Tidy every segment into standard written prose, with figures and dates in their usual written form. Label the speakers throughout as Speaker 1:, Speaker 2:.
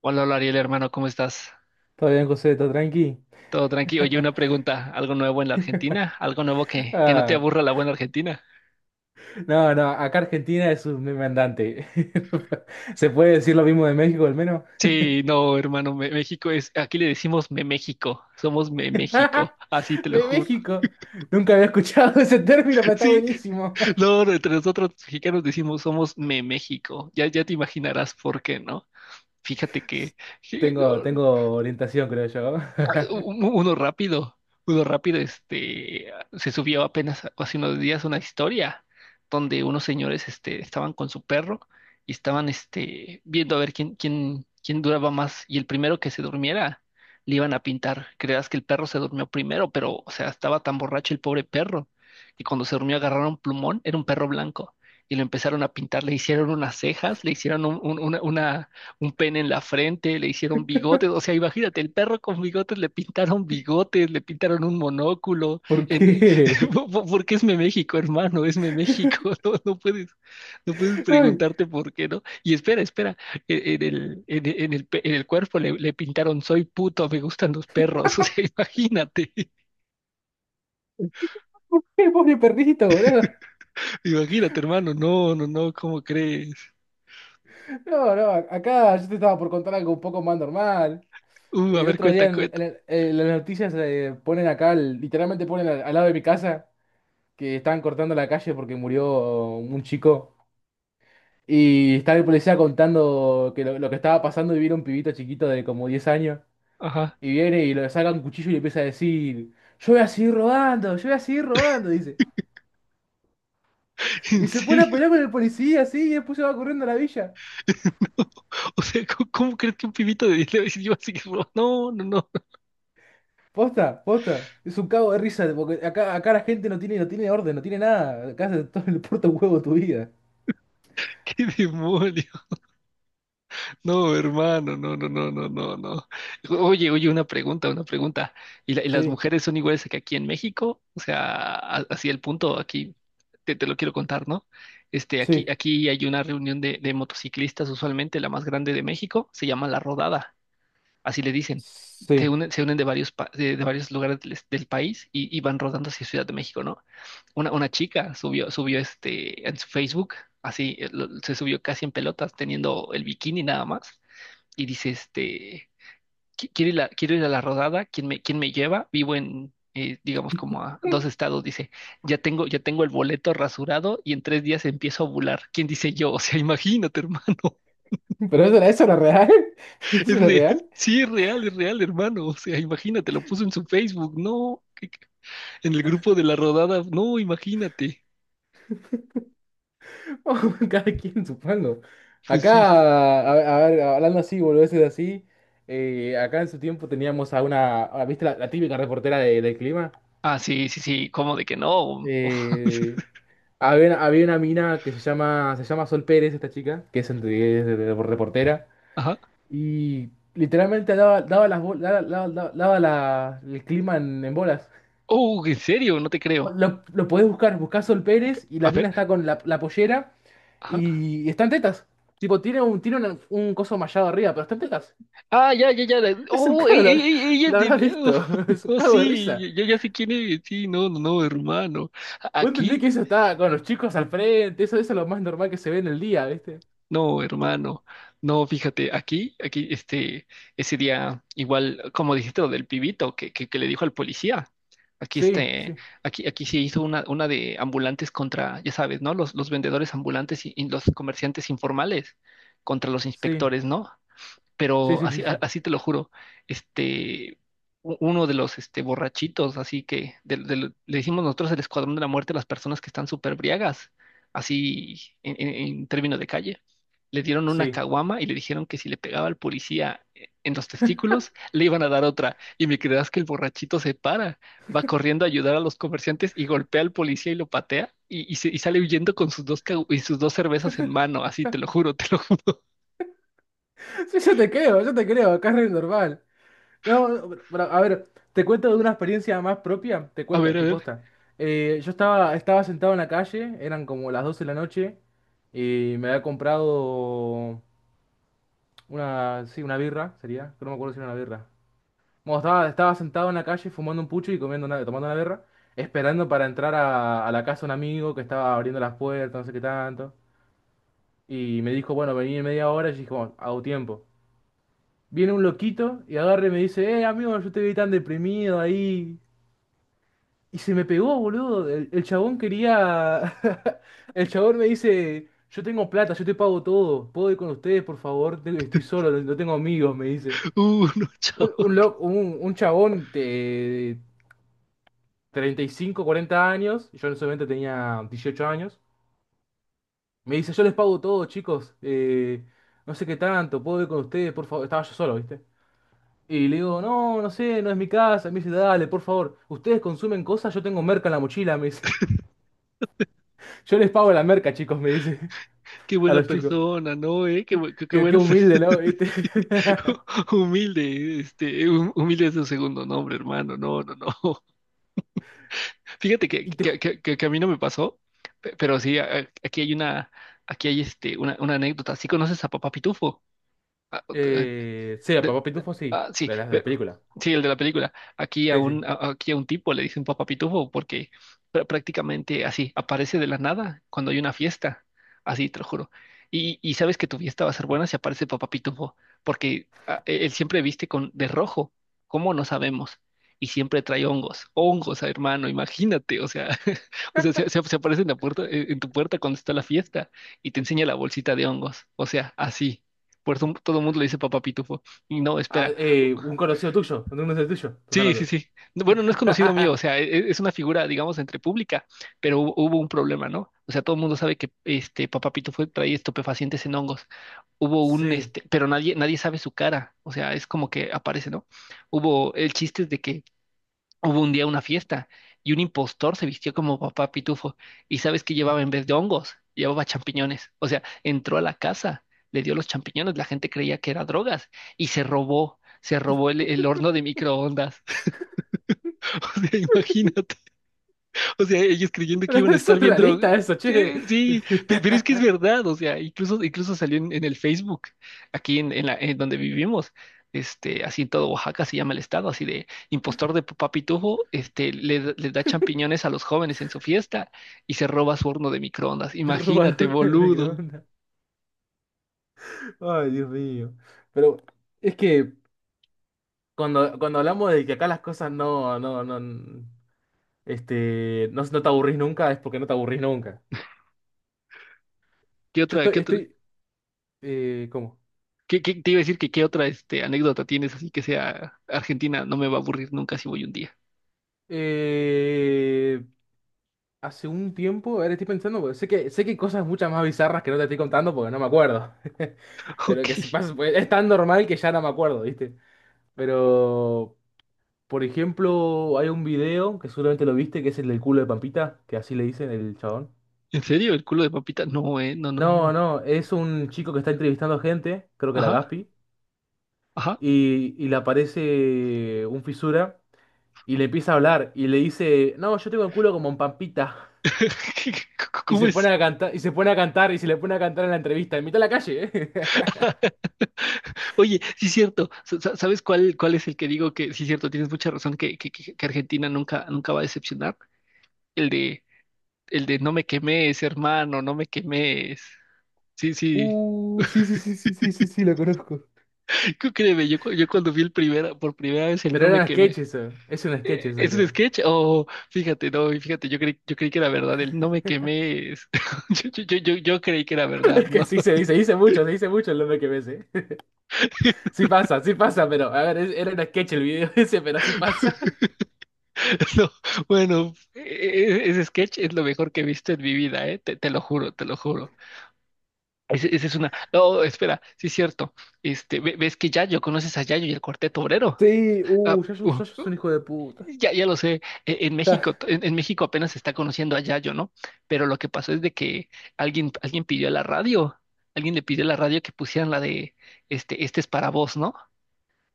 Speaker 1: Hola, hola Ariel, hermano, ¿cómo estás?
Speaker 2: ¿Todo bien, José? ¿Todo tranqui?
Speaker 1: Todo tranquilo. Oye, una pregunta, ¿algo nuevo en la Argentina? ¿Algo nuevo que no te
Speaker 2: Ah,
Speaker 1: aburra la buena Argentina?
Speaker 2: no, no, acá Argentina es un meme andante. ¿Se puede decir lo mismo de México al menos?
Speaker 1: Sí, no, hermano, México es, aquí le decimos Me México, somos Me México, así te lo
Speaker 2: De
Speaker 1: juro.
Speaker 2: México. Nunca había escuchado ese término, pero está
Speaker 1: Sí,
Speaker 2: buenísimo.
Speaker 1: no, no, entre nosotros los mexicanos decimos somos Me México, ya, ya te imaginarás por qué, ¿no? Fíjate que
Speaker 2: Tengo orientación, creo yo.
Speaker 1: u- uno rápido, uno rápido, este, se subió apenas hace unos días una historia donde unos señores, este, estaban con su perro y estaban, este, viendo a ver quién duraba más y el primero que se durmiera le iban a pintar. Creas que el perro se durmió primero, pero, o sea, estaba tan borracho el pobre perro que cuando se durmió agarraron plumón, era un perro blanco y lo empezaron a pintar, le hicieron unas cejas, le hicieron un- una un pene en la frente, le hicieron bigotes, o sea, imagínate, el perro con bigotes, le pintaron un monóculo,
Speaker 2: ¿Por
Speaker 1: en, eh,
Speaker 2: qué?
Speaker 1: porque es Meméxico, México, hermano, es Meméxico, México, no, no puedes
Speaker 2: Ay,
Speaker 1: preguntarte por qué, ¿no? Y espera, espera, e- en el, pe- en el cuerpo le pintaron soy puto, me gustan los perros, o sea, imagínate,
Speaker 2: ¿por qué, pobre perrito, boludo?
Speaker 1: imagínate, hermano, no, no, no, ¿cómo crees?
Speaker 2: No, acá yo te estaba por contar algo un poco más normal.
Speaker 1: A
Speaker 2: El
Speaker 1: ver,
Speaker 2: otro día
Speaker 1: cuenta,
Speaker 2: en,
Speaker 1: cuenta.
Speaker 2: en- en las noticias ponen acá, el- literalmente ponen al, al lado de mi casa, que estaban cortando la calle porque murió un chico. Y estaba el policía contando que lo que estaba pasando y viene un pibito chiquito de como 10 años.
Speaker 1: Ajá,
Speaker 2: Y viene y le saca un cuchillo y le empieza a decir, yo voy a seguir robando, yo voy a seguir robando, dice.
Speaker 1: ¿en
Speaker 2: Y se pone a
Speaker 1: serio?
Speaker 2: pelear con el policía así y después se va corriendo a la villa.
Speaker 1: O sea, ¿cómo crees que un pibito de 10 le va a decir yo así que no, no, no,
Speaker 2: Posta, posta. Es un cago de risa, porque acá la gente no tiene orden, no tiene nada. Acá se todo el puerto huevo tu vida.
Speaker 1: qué demonio? No, hermano, no, no, no, no, no, no. Oye, oye, una pregunta, una pregunta. ¿Y las
Speaker 2: Sí.
Speaker 1: mujeres son iguales que aquí en México? O sea, así el punto aquí te lo quiero contar, ¿no? Este, aquí,
Speaker 2: Sí,
Speaker 1: aquí hay una reunión de motociclistas, usualmente la más grande de México, se llama La Rodada, así le dicen. Se
Speaker 2: sí.
Speaker 1: unen, se unen de varios lugares del país y van rodando hacia Ciudad de México, ¿no? Una chica subió este en su Facebook, así se subió casi en pelotas, teniendo el bikini nada más, y dice este, Quiero ir a la rodada, ¿quién me lleva? Vivo digamos, como a dos estados, dice, ya tengo el boleto rasurado y en 3 días empiezo a ovular. ¿Quién dice yo?" O sea, imagínate, hermano,
Speaker 2: Pero eso era, eso era real. Eso
Speaker 1: es
Speaker 2: era
Speaker 1: real,
Speaker 2: real.
Speaker 1: sí, es real, hermano, o sea, imagínate, lo puso en su Facebook, no, en el grupo de la rodada, no, imagínate,
Speaker 2: Cada quien, supongo.
Speaker 1: pues sí.
Speaker 2: Acá, a ver, hablando así, boludeces así. Acá en su tiempo teníamos a una. A- ¿Viste la, la típica reportera de- del clima?
Speaker 1: Ah, sí, sí, sí, ¿cómo de que no?
Speaker 2: Eh, Había, una- había una mina que se llama Sol Pérez, esta chica, que es, entre- es de- reportera.
Speaker 1: Ajá.
Speaker 2: Y literalmente daba, daba las bol- daba, daba- daba- daba la- el clima en bolas.
Speaker 1: Oh, ¿en serio? No te creo.
Speaker 2: Lo podés buscar, buscás Sol Pérez y la
Speaker 1: A ver.
Speaker 2: mina está con la, la pollera
Speaker 1: Ajá.
Speaker 2: y está en tetas. Tipo, tiene un, tiene una- un coso mallado arriba, pero está en tetas.
Speaker 1: Ah, ya, ya, ya.
Speaker 2: Es un
Speaker 1: Oh,
Speaker 2: cago,
Speaker 1: ey,
Speaker 2: la
Speaker 1: ey,
Speaker 2: habrá-
Speaker 1: ey, ella es
Speaker 2: lo
Speaker 1: de.
Speaker 2: habrás visto. Es un
Speaker 1: Oh, no,
Speaker 2: cago de
Speaker 1: sí,
Speaker 2: risa.
Speaker 1: ya, ya sé quién es. Sí, no, no, no, hermano.
Speaker 2: ¿Vos entendés
Speaker 1: Aquí,
Speaker 2: que eso está con los chicos al frente? Eso es lo más normal que se ve en el día, ¿viste?
Speaker 1: no, hermano, no, fíjate, aquí, este, ese día, igual, como dijiste lo del pibito que le dijo al policía, aquí,
Speaker 2: Sí,
Speaker 1: este,
Speaker 2: sí,
Speaker 1: aquí se hizo una de ambulantes contra, ya sabes, ¿no? Los vendedores ambulantes y los comerciantes informales contra los
Speaker 2: sí,
Speaker 1: inspectores, ¿no?
Speaker 2: sí,
Speaker 1: Pero
Speaker 2: sí,
Speaker 1: así,
Speaker 2: sí, sí.
Speaker 1: así te lo juro, este, uno de los este, borrachitos, así que le decimos nosotros el escuadrón de la muerte a las personas que están súper briagas, así en términos de calle. Le dieron una
Speaker 2: Sí,
Speaker 1: caguama y le dijeron que si le pegaba al policía en los testículos, le iban a dar otra. Y me creerás que el borrachito se para, va corriendo a ayudar a los comerciantes y golpea al policía y lo patea y sale huyendo con sus dos cervezas en mano, así te lo juro, te lo juro.
Speaker 2: sí, yo te creo, acá es re normal. No, no, pero, A ver, te cuento de una experiencia más propia, te
Speaker 1: A
Speaker 2: cuento,
Speaker 1: ver, a
Speaker 2: te
Speaker 1: ver.
Speaker 2: posta. Yo estaba sentado en la calle, eran como las 12 de la noche, y me había comprado una, sí, una birra, sería, que no me acuerdo si era una birra. Bueno, estaba sentado en la calle fumando un pucho y comiendo una- tomando una birra, esperando para entrar a la casa de un amigo que estaba abriendo las puertas, no sé qué tanto. Y me dijo, bueno, vení en media hora, y yo dije, bueno, hago tiempo. Viene un loquito y agarre y me dice, amigo, yo te vi tan deprimido ahí. Y se me pegó, boludo. El chabón quería. El chabón me dice: Yo tengo plata, yo te pago todo. ¿Puedo ir con ustedes, por favor? Te- Estoy solo, no tengo amigos, me dice.
Speaker 1: No,
Speaker 2: Un,
Speaker 1: chao,
Speaker 2: un,
Speaker 1: qué,
Speaker 2: lo- un, un chabón de 35, 40 años, y yo en ese momento tenía 18 años, me dice: Yo les pago todo, chicos. No sé qué tanto, ¿puedo ir con ustedes, por favor? Estaba yo solo, ¿viste? Y le digo: No, no sé, no es mi casa. Me dice: Dale, por favor. ¿Ustedes consumen cosas? Yo tengo merca en la mochila, me dice. Yo les pago la merca, chicos, me dice
Speaker 1: qué
Speaker 2: a
Speaker 1: buena
Speaker 2: los chicos.
Speaker 1: persona, ¿no? ¿Eh? Qué
Speaker 2: Qué, qué
Speaker 1: buena
Speaker 2: humilde,
Speaker 1: persona,
Speaker 2: ¿no? ¿Viste?
Speaker 1: humilde, este, humilde es un segundo nombre, hermano, no, no, no. Fíjate que,
Speaker 2: Y te...
Speaker 1: que,
Speaker 2: ju-
Speaker 1: que, que- que a mí no me pasó, pero sí, aquí hay una anécdota. ¿Sí conoces a Papá Pitufo? Ah,
Speaker 2: Sí, a
Speaker 1: de-
Speaker 2: Papá Pitufo, sí,
Speaker 1: ah, sí,
Speaker 2: de la película.
Speaker 1: sí, el de la película. Aquí a
Speaker 2: Sí, sí.
Speaker 1: un, a- aquí a un tipo le dicen papá pitufo porque prácticamente así aparece de la nada cuando hay una fiesta. Así, te lo juro. Y sabes que tu fiesta va a ser buena si aparece papá pitufo, porque él siempre viste con de rojo, ¿cómo no sabemos? Y siempre trae hongos, hongos, hermano, imagínate, o sea, o sea, se aparece en la puerta, en tu puerta cuando está la fiesta y te enseña la bolsita de hongos, o sea, así. Por eso todo el mundo le dice papá pitufo. Y no,
Speaker 2: Ah,
Speaker 1: espera,
Speaker 2: un conocido tuyo, estás
Speaker 1: sí, sí,
Speaker 2: hablando.
Speaker 1: sí. No, bueno, no es conocido mío, o sea, es una figura, digamos, entre pública, pero hubo un problema, ¿no? O sea, todo el mundo sabe que este Papá Pito fue trae estupefacientes en hongos. Hubo un
Speaker 2: Sí.
Speaker 1: este, pero nadie sabe su cara, o sea, es como que aparece, ¿no? Hubo El chiste es de que hubo un día una fiesta y un impostor se vistió como papá Pitufo. ¿Y sabes qué llevaba en vez de hongos? Llevaba champiñones. O sea, entró a la casa, le dio los champiñones, la gente creía que era drogas y se robó el horno de microondas. O sea, imagínate. O sea, ellos creyendo que
Speaker 2: Pero
Speaker 1: iban
Speaker 2: no
Speaker 1: a
Speaker 2: es
Speaker 1: estar bien drogados.
Speaker 2: surrealista eso, che.
Speaker 1: Sí, sí, pero es que es verdad, o sea, incluso salió en el Facebook, aquí en donde vivimos, este, así en todo Oaxaca se llama el estado, así de impostor de papá Pitufo, este, le da champiñones a los jóvenes en su fiesta y se roba su horno de microondas.
Speaker 2: Te roba el
Speaker 1: Imagínate,
Speaker 2: horno del
Speaker 1: boludo.
Speaker 2: microondas. Ay, Dios mío. Pero es que cuando hablamos de que acá las cosas no te aburrís nunca, es porque no te aburrís nunca.
Speaker 1: ¿Qué
Speaker 2: Yo
Speaker 1: otra,
Speaker 2: estoy,
Speaker 1: qué otra,
Speaker 2: estoy, ¿Cómo?
Speaker 1: qué, qué- te iba a decir que qué otra, este, anécdota tienes así que sea Argentina? No me va a aburrir nunca si voy un día.
Speaker 2: Eh, Hace un tiempo, ahora estoy pensando, porque sé que hay cosas muchas más bizarras que no te estoy contando porque no me acuerdo. Pero que
Speaker 1: Ok.
Speaker 2: si pasa, pues, es tan normal que ya no me acuerdo, ¿viste? Pero, por ejemplo, hay un video que seguramente lo viste, que es el del culo de Pampita, que así le dicen el chabón.
Speaker 1: ¿En serio? ¿El culo de papita? No, no, no,
Speaker 2: No,
Speaker 1: no.
Speaker 2: no, es un chico que está entrevistando gente, creo que era
Speaker 1: Ajá.
Speaker 2: Gaspi,
Speaker 1: Ajá.
Speaker 2: y le aparece un fisura y le empieza a hablar y le dice, no, yo tengo el culo como un Pampita. Y
Speaker 1: ¿Cómo
Speaker 2: se
Speaker 1: es?
Speaker 2: pone a cantar, y se pone a cantar, y se le pone a cantar en la entrevista, en mitad de la calle, ¿eh?
Speaker 1: Oye, sí es cierto. ¿Sabes cuál es el que digo que sí es cierto? Tienes mucha razón que Argentina nunca, nunca va a decepcionar. El de, el de no me quemes, hermano, no me quemes. Sí, sí.
Speaker 2: Sí, lo conozco.
Speaker 1: Créeme, yo cuando vi por primera vez el
Speaker 2: Pero
Speaker 1: no
Speaker 2: era
Speaker 1: me
Speaker 2: un
Speaker 1: quemes.
Speaker 2: sketch eso. Es un sketch eso,
Speaker 1: ¿Es un
Speaker 2: creo.
Speaker 1: sketch? O fíjate, no, y fíjate, yo creí que era verdad, el no me quemes. Yo creí que era verdad,
Speaker 2: Es
Speaker 1: ¿no?
Speaker 2: que sí se dice, dice mucho, se dice mucho el nombre que ves, ¿eh? Sí pasa, pero a ver, es- era un sketch el video ese, pero sí pasa.
Speaker 1: No, bueno, ese sketch es lo mejor que he visto en mi vida, ¿eh? Te lo juro, te lo juro. Ese es una. No, espera, sí es cierto. Este, ves que Yayo, conoces a Yayo y el Cuarteto Obrero.
Speaker 2: Sí,
Speaker 1: Ah,
Speaker 2: Yayo, Yayo es un hijo de puta.
Speaker 1: ya, ya lo sé, en
Speaker 2: Ya,
Speaker 1: México, en México apenas se está conociendo a Yayo, ¿no? Pero lo que pasó es de que alguien alguien pidió a la radio, alguien le pidió a la radio que pusieran la de, este es para vos, ¿no?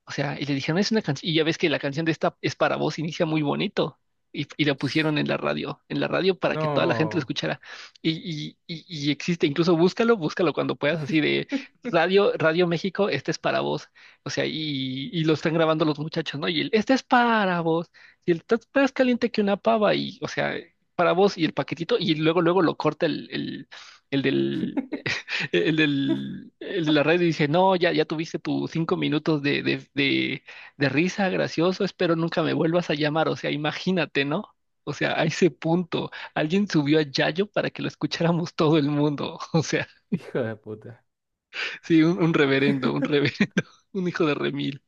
Speaker 1: O sea, y le dijeron, es una canción, y ya ves que la canción de esta es para vos, inicia muy bonito. Y la pusieron en la radio para que toda la gente lo
Speaker 2: no.
Speaker 1: escuchara. Y existe, incluso búscalo, búscalo cuando puedas, así de Radio, Radio México, este es para vos. O sea, y lo están grabando los muchachos, ¿no? Y este es para vos. Y estás más caliente que una pava, y, o sea, para vos, y el paquetito, y luego lo corta el del el de la radio dice, no, ya, ya tuviste tus 5 minutos de risa, gracioso, espero nunca me vuelvas a llamar. O sea, imagínate, ¿no? O sea, a ese punto, alguien subió a Yayo para que lo escucháramos todo el mundo. O sea,
Speaker 2: Hijo de puta.
Speaker 1: sí, un reverendo, un reverendo, un hijo de remil.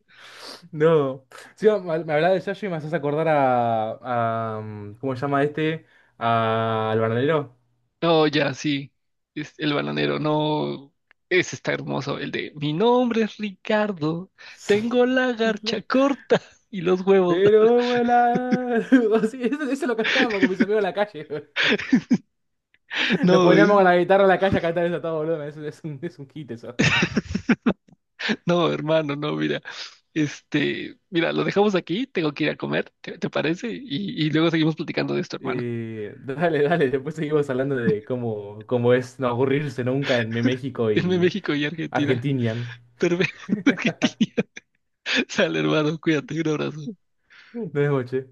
Speaker 2: No. Sí, me hablaba de Yayo y me haces acordar a, ¿cómo se llama este? A- al bananero.
Speaker 1: No, ya, sí, es el bananero, no, ese está hermoso, el de, mi nombre es Ricardo,
Speaker 2: Sí.
Speaker 1: tengo la garcha
Speaker 2: la-
Speaker 1: corta y los huevos.
Speaker 2: Pero volar. Sí, eso lo cantábamos con mis amigos en la calle. Nos
Speaker 1: No,
Speaker 2: poníamos con la guitarra en la calle a cantar eso a todo volumen. Es un hit eso.
Speaker 1: no, hermano, no, mira. Este, mira, lo dejamos aquí, tengo que ir a comer, ¿te parece? Y luego seguimos platicando de esto, hermano.
Speaker 2: Dale, dale. Después seguimos hablando de cómo, cómo es no aburrirse nunca en México
Speaker 1: Irme
Speaker 2: y
Speaker 1: México y Argentina.
Speaker 2: Argentina.
Speaker 1: Pero Argentina. Sale, hermano, cuídate, un abrazo.
Speaker 2: Buenas noches.